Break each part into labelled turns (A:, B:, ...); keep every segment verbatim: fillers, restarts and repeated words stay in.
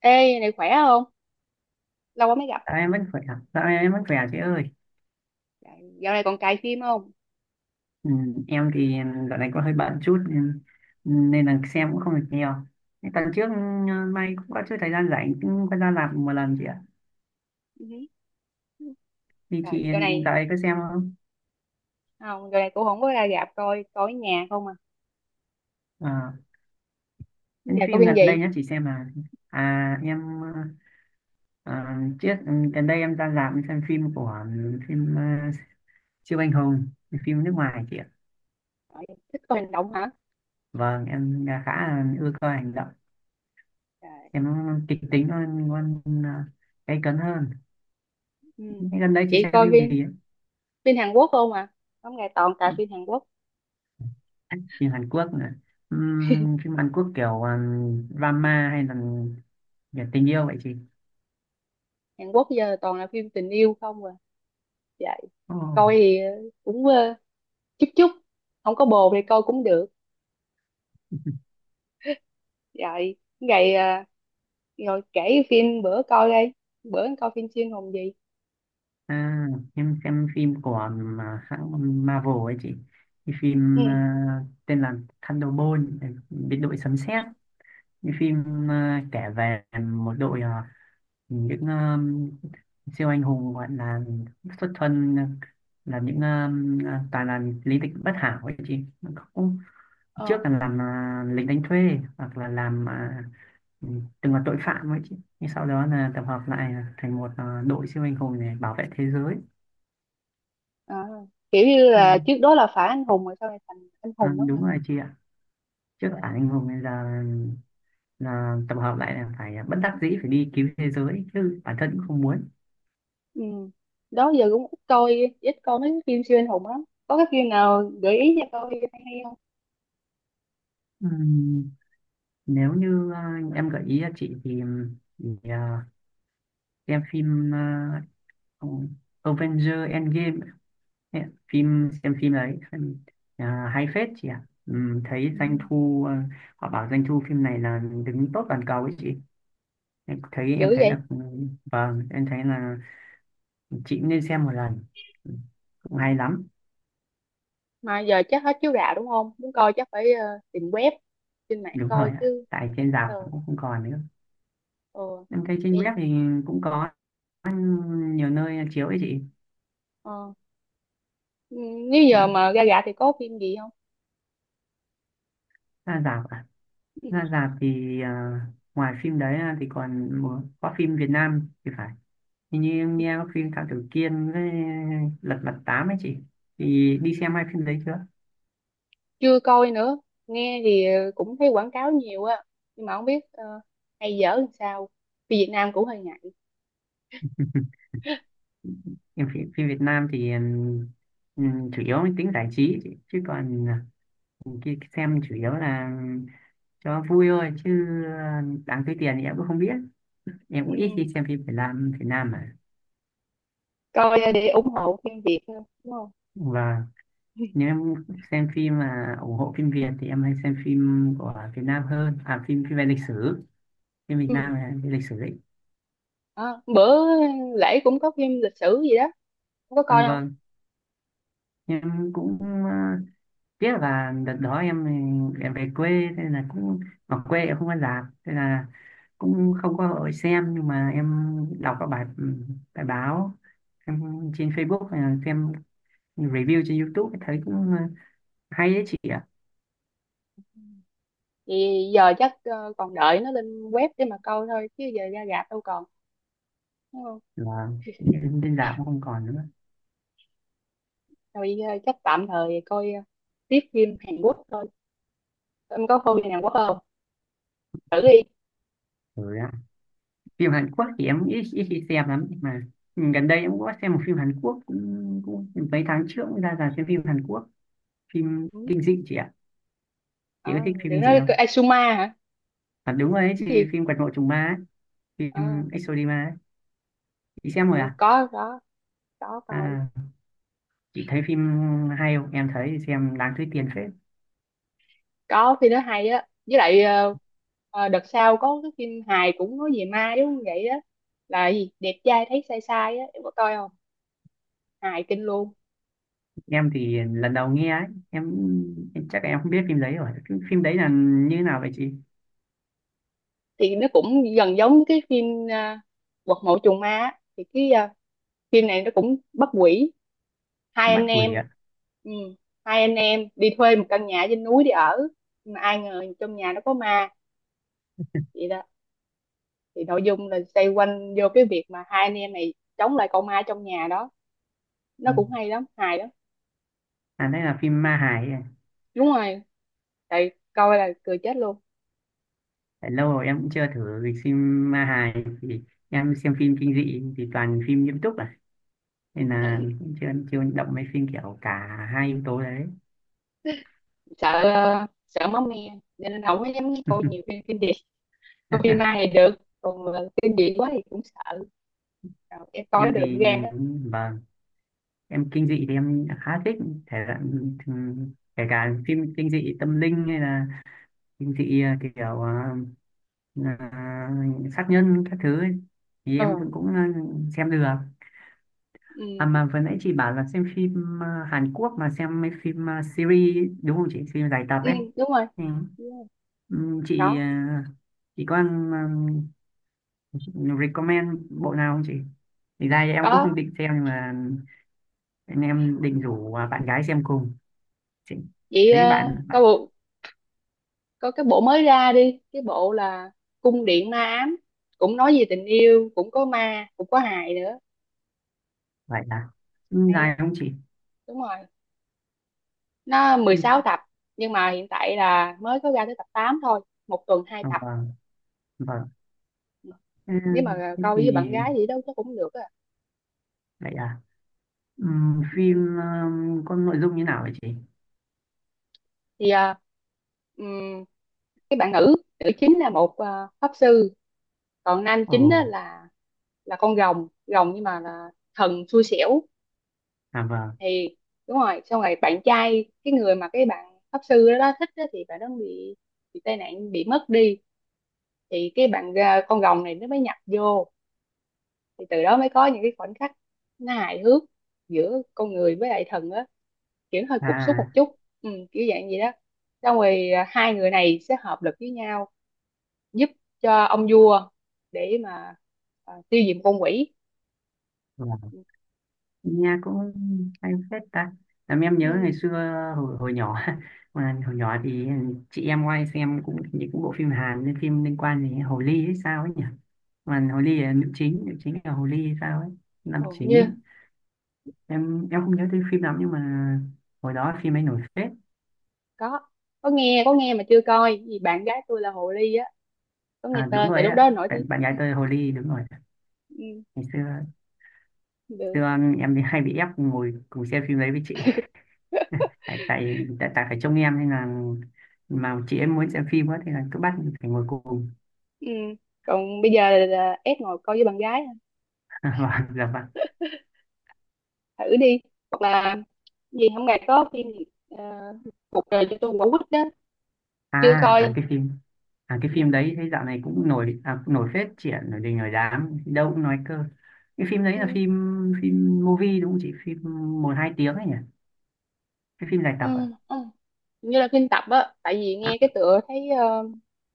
A: Ê, này khỏe không? Lâu quá mới gặp.
B: Dạ, em vẫn khỏe, dạ, em vẫn khỏe à chị ơi.
A: Trời, dạo này còn cài phim không?
B: Ừ, em thì dạo này có hơi bận chút nên nên là xem cũng không được nhiều. Thế Tuần trước, ừ, may cũng có chút thời gian rảnh cũng có ra làm một lần chị ạ.
A: Ừ.
B: Thì
A: Trời,
B: chị
A: dạo
B: dạo
A: này
B: này có xem không?
A: không, dạo này cũng không có ra rạp coi, coi ở nhà không à.
B: Ờ, những
A: Giờ coi
B: phim
A: phim
B: gần đây
A: gì?
B: nhất chị xem là à em ờ, trước ừ, gần đây em ra rạp xem phim của, ừ, phim ờ, siêu anh hùng, phim nước ngoài chị ạ.
A: Trời, thích coi hành động hả?
B: Vâng, em khá là ưa coi hành động,
A: Trời.
B: em kịch tính hơn, hơn ờ, gay cấn hơn.
A: Ừ.
B: Thế gần đây chị
A: Chị
B: xem
A: coi
B: phim gì
A: phim
B: ấy?
A: phim Hàn Quốc không à? Không, ngày toàn cài phim Hàn Quốc.
B: Phim Hàn Quốc à? Ừm, phim Hàn Quốc kiểu, um, drama hay là về tình yêu vậy chị?
A: Hàn Quốc giờ toàn là phim tình yêu không à. Vậy
B: Ồ.
A: coi thì ờ, cũng ờ, chút chút, không có bồ thì coi cũng được. Vậy ngày ờ, rồi kể phim bữa coi đây. Bữa coi phim xuyên hồn gì?
B: à, em xem phim của, um, hãng Marvel ấy chị. Cái
A: Ừ.
B: phim, à, tên là Thunderbolt, biệt đội sấm sét. Cái phim, à, kể về một đội, à, những um, siêu anh hùng, gọi là xuất thân, à, là những, um, toàn là lý lịch bất hảo ấy chị, cũng trước
A: Ờ.
B: là làm, à, lính đánh thuê hoặc là làm, à, ừ, từng là tội phạm ấy chứ, nhưng sau đó là tập hợp lại thành một, à, đội siêu anh hùng để bảo vệ thế giới.
A: À, kiểu như
B: Ừ.
A: là trước đó là phá anh hùng rồi sau này thành anh
B: À,
A: hùng á hả.
B: đúng rồi chị ạ, trước là phản
A: Trời.
B: anh hùng, bây giờ là, là tập hợp lại, là phải bất đắc dĩ phải đi cứu thế giới chứ bản thân cũng không muốn.
A: Ừ. Đó giờ cũng ít coi ít coi mấy cái phim siêu anh hùng lắm, có cái phim nào gợi ý cho tôi hay hay không?
B: Ừm, Nếu như, à, em gợi ý cho chị thì, ừ, thì à, xem phim, à, Avenger Endgame. Thế ạ, phim xem phim đấy xem, à, hay phết chị ạ. Ừm, thấy
A: Ừ.
B: doanh thu, ờ, họ bảo doanh thu phim này là đứng top toàn cầu ấy chị, em thấy em
A: Dữ
B: thấy
A: vậy.
B: là, vâng em thấy là chị cũng nên xem một lần. Ừm,
A: Ừ.
B: Cũng hay lắm.
A: Mà giờ chắc hết chiếu rạp, đúng không? Muốn coi chắc phải ờ, tìm web, trên mạng
B: Đúng
A: coi
B: rồi ạ,
A: chứ.
B: tại trên rạp
A: Ờ.
B: cũng không còn nữa.
A: Ờ.
B: Em thấy trên
A: Vậy-
B: web thì cũng có nhiều nơi chiếu ấy chị.
A: ờ. Ừ, nếu giờ mà ra rạp thì có phim gì không?
B: Ra rạp à?
A: Ừ.
B: Ra rạp thì, à, ngoài phim đấy ra thì còn một- có phim Việt Nam thì phải. Thì như em nghe phim Thám Tử Kiên với Lật Mặt Tám ấy chị, thì đi xem hai phim đấy chưa?
A: Chưa coi nữa, nghe thì ờ, cũng thấy quảng cáo nhiều á, nhưng mà không biết ờ, hay dở làm sao, vì Việt Nam cũng hơi ngại.
B: Em phim, phim Việt Nam thì, ừm, chủ yếu mang tính giải trí ấy chị, chứ còn khi xem chủ yếu là cho vui thôi, chứ đáng tiêu tiền thì em cũng không biết. Em cũng ít
A: Ừ.
B: khi xem phim Việt Nam. Việt Nam mà.
A: Coi để ủng hộ phim Việt thôi, đúng không?
B: Và nếu em xem phim mà ủng hộ phim Việt thì em hay xem phim của Việt Nam hơn, à phim phim về lịch sử, phim Việt
A: Ừ.
B: Nam là về lịch sử đấy.
A: Đó. Bữa lễ cũng có phim lịch sử gì đó, không có
B: À,
A: coi không?
B: vâng em cũng, ờ, tiếc là đợt đó em em về quê thế là cũng ở quê em không có rạp, thế là cũng không có hội xem. Nhưng mà em đọc các bài, bài báo em trên Facebook hay là xem review trên YouTube thấy cũng, à, hay đấy chị ạ.
A: Thì giờ chắc ờ, còn đợi nó lên web để mà coi thôi chứ giờ ra rạp đâu còn, đúng không?
B: Là trên rạp cũng không còn nữa
A: Rồi ờ, chắc tạm thời coi ờ, tiếp phim Hàn Quốc thôi. Em có coi phim Hàn Quốc không? Thử đi.
B: rồi ạ. Phim Hàn Quốc thì em ít ít khi xem lắm, nhưng mà gần đây em cũng có xem một phim Hàn Quốc cũng, cũng mấy tháng trước, cũng ra rạp xem phim Hàn Quốc, phim
A: Ừ.
B: kinh dị chị ạ. Chị có
A: Đó.
B: thích phim
A: Đừng
B: kinh dị
A: nói
B: không?
A: Asuma hả?
B: À, đúng rồi ấy
A: Cái
B: chị,
A: gì?
B: phim Quật Mộ Trùng Ma ấy,
A: Ờ.
B: phim Exodima ấy. Chị xem
A: Ừ,
B: rồi à?
A: có có có coi.
B: À, chị thấy phim hay không? Em thấy xem đáng túi tiền phết.
A: Có phim nó hay á, với lại ờ, ờ, đợt sau có cái phim hài cũng nói về ma giống vậy á, là gì đẹp trai thấy sai sai á, em có coi không? Hài kinh luôn.
B: Em thì lần đầu nghe ấy, em, em chắc em không biết phim đấy rồi. Phim, phim đấy là như thế nào vậy chị?
A: Thì nó cũng gần giống cái phim uh, quật mộ trùng ma á. Thì cái ờ, phim này nó cũng bắt quỷ, hai
B: Bắt
A: anh em.
B: quỷ ạ.
A: Ừ. Hai anh em đi thuê một căn nhà trên núi để ở, nhưng mà ai ngờ trong nhà nó có ma, vậy đó. Thì nội dung là xoay quanh vô cái việc mà hai anh em này chống lại con ma trong nhà đó. Nó
B: À,
A: cũng hay lắm, hài lắm.
B: à đây là phim ma hài ấy.
A: Đúng rồi, tại coi là cười chết luôn.
B: Tại lâu rồi em cũng chưa thử dịch phim ma hài thì em xem phim kinh dị thì toàn phim nghiêm túc à. Nên là
A: Tại
B: cũng chưa chưa động mấy phim kiểu cả hai yếu tố đấy.
A: sợ ờ, sợ máu me nên không có dám coi nhiều phim kinh dị. Coi phim ma thì được, còn mà kinh dị quá thì cũng sợ. Rồi, em coi
B: Em
A: được
B: thì,
A: gan
B: ừ,
A: á.
B: vâng em kinh dị thì em khá thích thể loại, ừm, kể cả phim kinh dị tâm linh hay là kinh dị, à, kiểu à, à, sát nhân các thứ ấy, thì em
A: Ừ.
B: vẫn cũng, à, xem được à.
A: Ừ.
B: Mà vừa nãy chị bảo là xem phim, à, Hàn Quốc mà xem mấy phim, à, series ấy, đúng không chị, phim dài tập
A: Ừ.
B: ấy.
A: Đúng rồi.
B: Ừ.
A: Yeah.
B: Ừm, chị,
A: Có.
B: à, chị có, à, recommend bộ nào không chị, thì ra em cũng không
A: Có.
B: định xem nhưng mà anh em định rủ, à, bạn gái xem cùng chị
A: Vậy
B: thấy
A: ờ,
B: bạn.
A: có bộ có cái bộ mới ra đi, cái bộ là cung điện ma ám, cũng nói về tình yêu, cũng có ma, cũng có hài nữa.
B: Vậy à? Ừ,
A: Hay á.
B: dài không chị
A: Đúng rồi, nó mười sáu
B: phim?
A: tập, nhưng mà hiện tại là mới có ra tới tập tám thôi, một tuần hai
B: À
A: tập.
B: vâng, vâng. Ừ,
A: Nếu mà
B: thế
A: coi
B: thì
A: với bạn gái gì đó chắc cũng được á.
B: vậy à. Ừ,
A: Ừ.
B: phim,
A: Ừ.
B: um, có nội dung như nào vậy chị?
A: Thì à, ừm, cái bạn nữ nữ chính là một à, pháp sư. Còn nam
B: Ồ.
A: chính á là là con rồng rồng, nhưng mà là thần xui xẻo.
B: À vâng.
A: Thì đúng rồi, xong rồi bạn trai, cái người mà cái bạn pháp sư đó, đó thích á, thì bạn đó bị bị tai nạn, bị mất đi. Thì cái bạn à, con rồng này nó mới nhập vô, thì từ đó mới có những cái khoảnh khắc nó hài hước giữa con người với lại thần á, kiểu nó hơi cục súc
B: À
A: một chút. Ừ, kiểu dạng gì đó. Xong rồi à, hai người này sẽ hợp lực với nhau, giúp cho ông vua để mà à, tiêu diệt một con quỷ.
B: vâng. Nghe cũng hay phết ta, làm em
A: Ừ,
B: nhớ ngày xưa hồi, hồi nhỏ. Mà hồi nhỏ thì chị em ngoài xem cũng những cũng bộ phim Hàn nên phim liên quan đến Hồ Ly hay sao ấy nhỉ. Mà Hồ Ly là nữ chính, nữ chính là Hồ Ly hay sao ấy, nam
A: hầu như.
B: chính. Em em không nhớ tên phim lắm, nhưng mà hồi đó phim ấy nổi phết.
A: Có có nghe có nghe mà chưa coi vì bạn gái tôi là hồ ly á. Có nghe
B: À, đúng
A: tên, tại
B: rồi
A: lúc
B: ạ,
A: đó nổi tiếng.
B: bạn, bạn gái tôi hồ ly đúng rồi.
A: Ừ,
B: Ngày xưa,
A: được.
B: xưa em thì hay bị ép ngồi cùng xem phim đấy với chị, tại tại tại, tại phải trông em nên là mà chị em muốn xem phim quá thì là cứ bắt phải ngồi cùng.
A: Ừ. Còn bây giờ là ép ngồi coi với bạn gái.
B: Và dạ vâng.
A: Thử đi. Hoặc là gì hôm nay có phim gì, ờ, cuộc đời cho tôi quả quýt đó.
B: à
A: Chưa
B: à
A: coi.
B: cái phim À cái phim
A: Ừ.
B: đấy thấy dạo này cũng nổi, à, cũng nổi phết chị ạ, nổi đình nổi đám đâu cũng nói cơ. Cái phim đấy là phim phim movie đúng không chị, phim một hai tiếng ấy nhỉ? Cái phim dài
A: Ừ.
B: tập, à,
A: Ừ. Như là phim tập á, tại vì
B: à,
A: nghe cái tựa thấy ờ,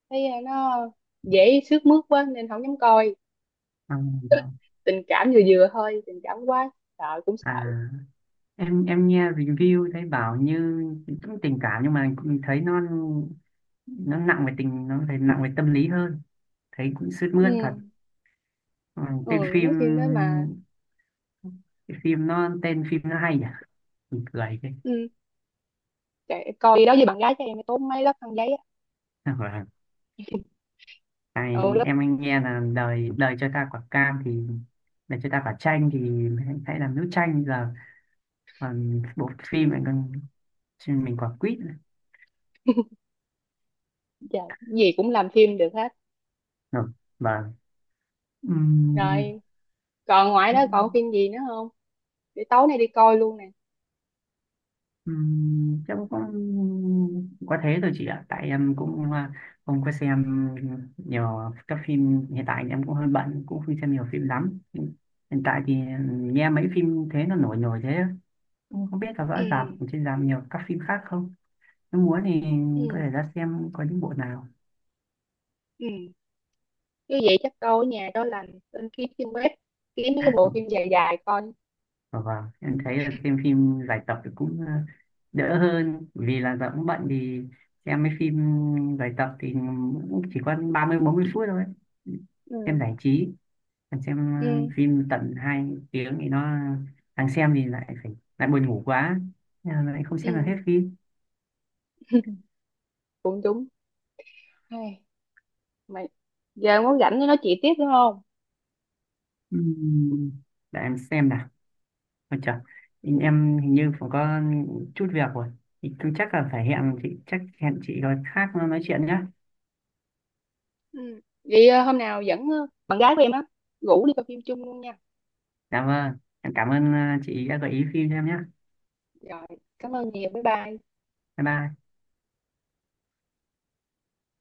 A: thấy ờ, nó dễ sướt mướt quá nên không dám coi.
B: à vâng.
A: Tình cảm vừa vừa thôi, tình cảm quá sợ cũng sợ.
B: À, em em nghe review thấy bảo như cũng tình cảm nhưng mà cũng thấy nó, nó nặng về tình, nó thấy nặng về tâm lý hơn, thấy cũng sướt
A: Ừ.
B: mướt thật. Ừ,
A: Ừ.
B: tên
A: Mấy
B: phim,
A: phim đó mà.
B: cái phim nó tên phim nó hay nhỉ, mình cười cái.
A: Ừ, kệ, coi đi đó với bạn gái cho em, mới tốn mấy lớp khăn giấy á.
B: Vâng. Ai,
A: Ừ lớp.
B: em anh nghe là đời đời cho ta quả cam thì đời cho ta quả chanh thì hãy hãy làm nước chanh giờ còn bộ phim này còn mình quả quýt nữa.
A: Giờ gì cũng làm phim được hết.
B: Rồi, vâng.
A: Rồi. Còn ngoài đó còn
B: Ừm,
A: phim gì nữa không, để tối nay đi coi luôn nè.
B: Ừm, Chắc cũng có thế thôi chị ạ, tại em cũng, à, không có xem nhiều các phim. Hiện tại em cũng hơi bận cũng không xem nhiều phim lắm. Hiện tại thì nghe mấy phim thế nó nổi nổi thế, cũng không biết là
A: Ừ.
B: rõ rạp trên rạp nhiều các phim khác không. Nếu muốn thì có
A: Ừ.
B: thể ra xem có những bộ nào.
A: Ừ. Như vậy chắc câu ở nhà cho lành, lên kiếm trên web, kiếm mấy cái bộ phim dài dài coi.
B: Ờ, Vâng, em thấy là xem phim giải tập thì cũng, ờ, đỡ hơn vì là giờ cũng bận thì xem mấy phim giải tập thì cũng chỉ có ba mươi bốn mươi phút thôi. Xem
A: Ừ.
B: giải trí, còn xem,
A: Ừ.
B: ờ, phim tận hai tiếng thì nó đang xem thì lại phải lại buồn ngủ quá. Nên là lại không xem được
A: Ừ.
B: hết phim.
A: Cũng đúng. Hey, mày giờ muốn rảnh nó nói chuyện tiếp, đúng không?
B: Ừm, Để em xem nào. Ôi trời,
A: Ừ.
B: em hình như cũng có chút việc rồi. Thì cứ chắc là phải hẹn chị, chắc hẹn chị rồi khác nói chuyện nhé.
A: Ừ. Vậy ờ, hôm nào dẫn ờ, bạn gái của em á, rủ đi coi phim chung luôn nha.
B: Dạ vâng, em cảm ơn, ờ, chị đã gợi ý phim cho em nhé.
A: Rồi. Cảm ơn nhiều, bye bye.
B: Bye bye.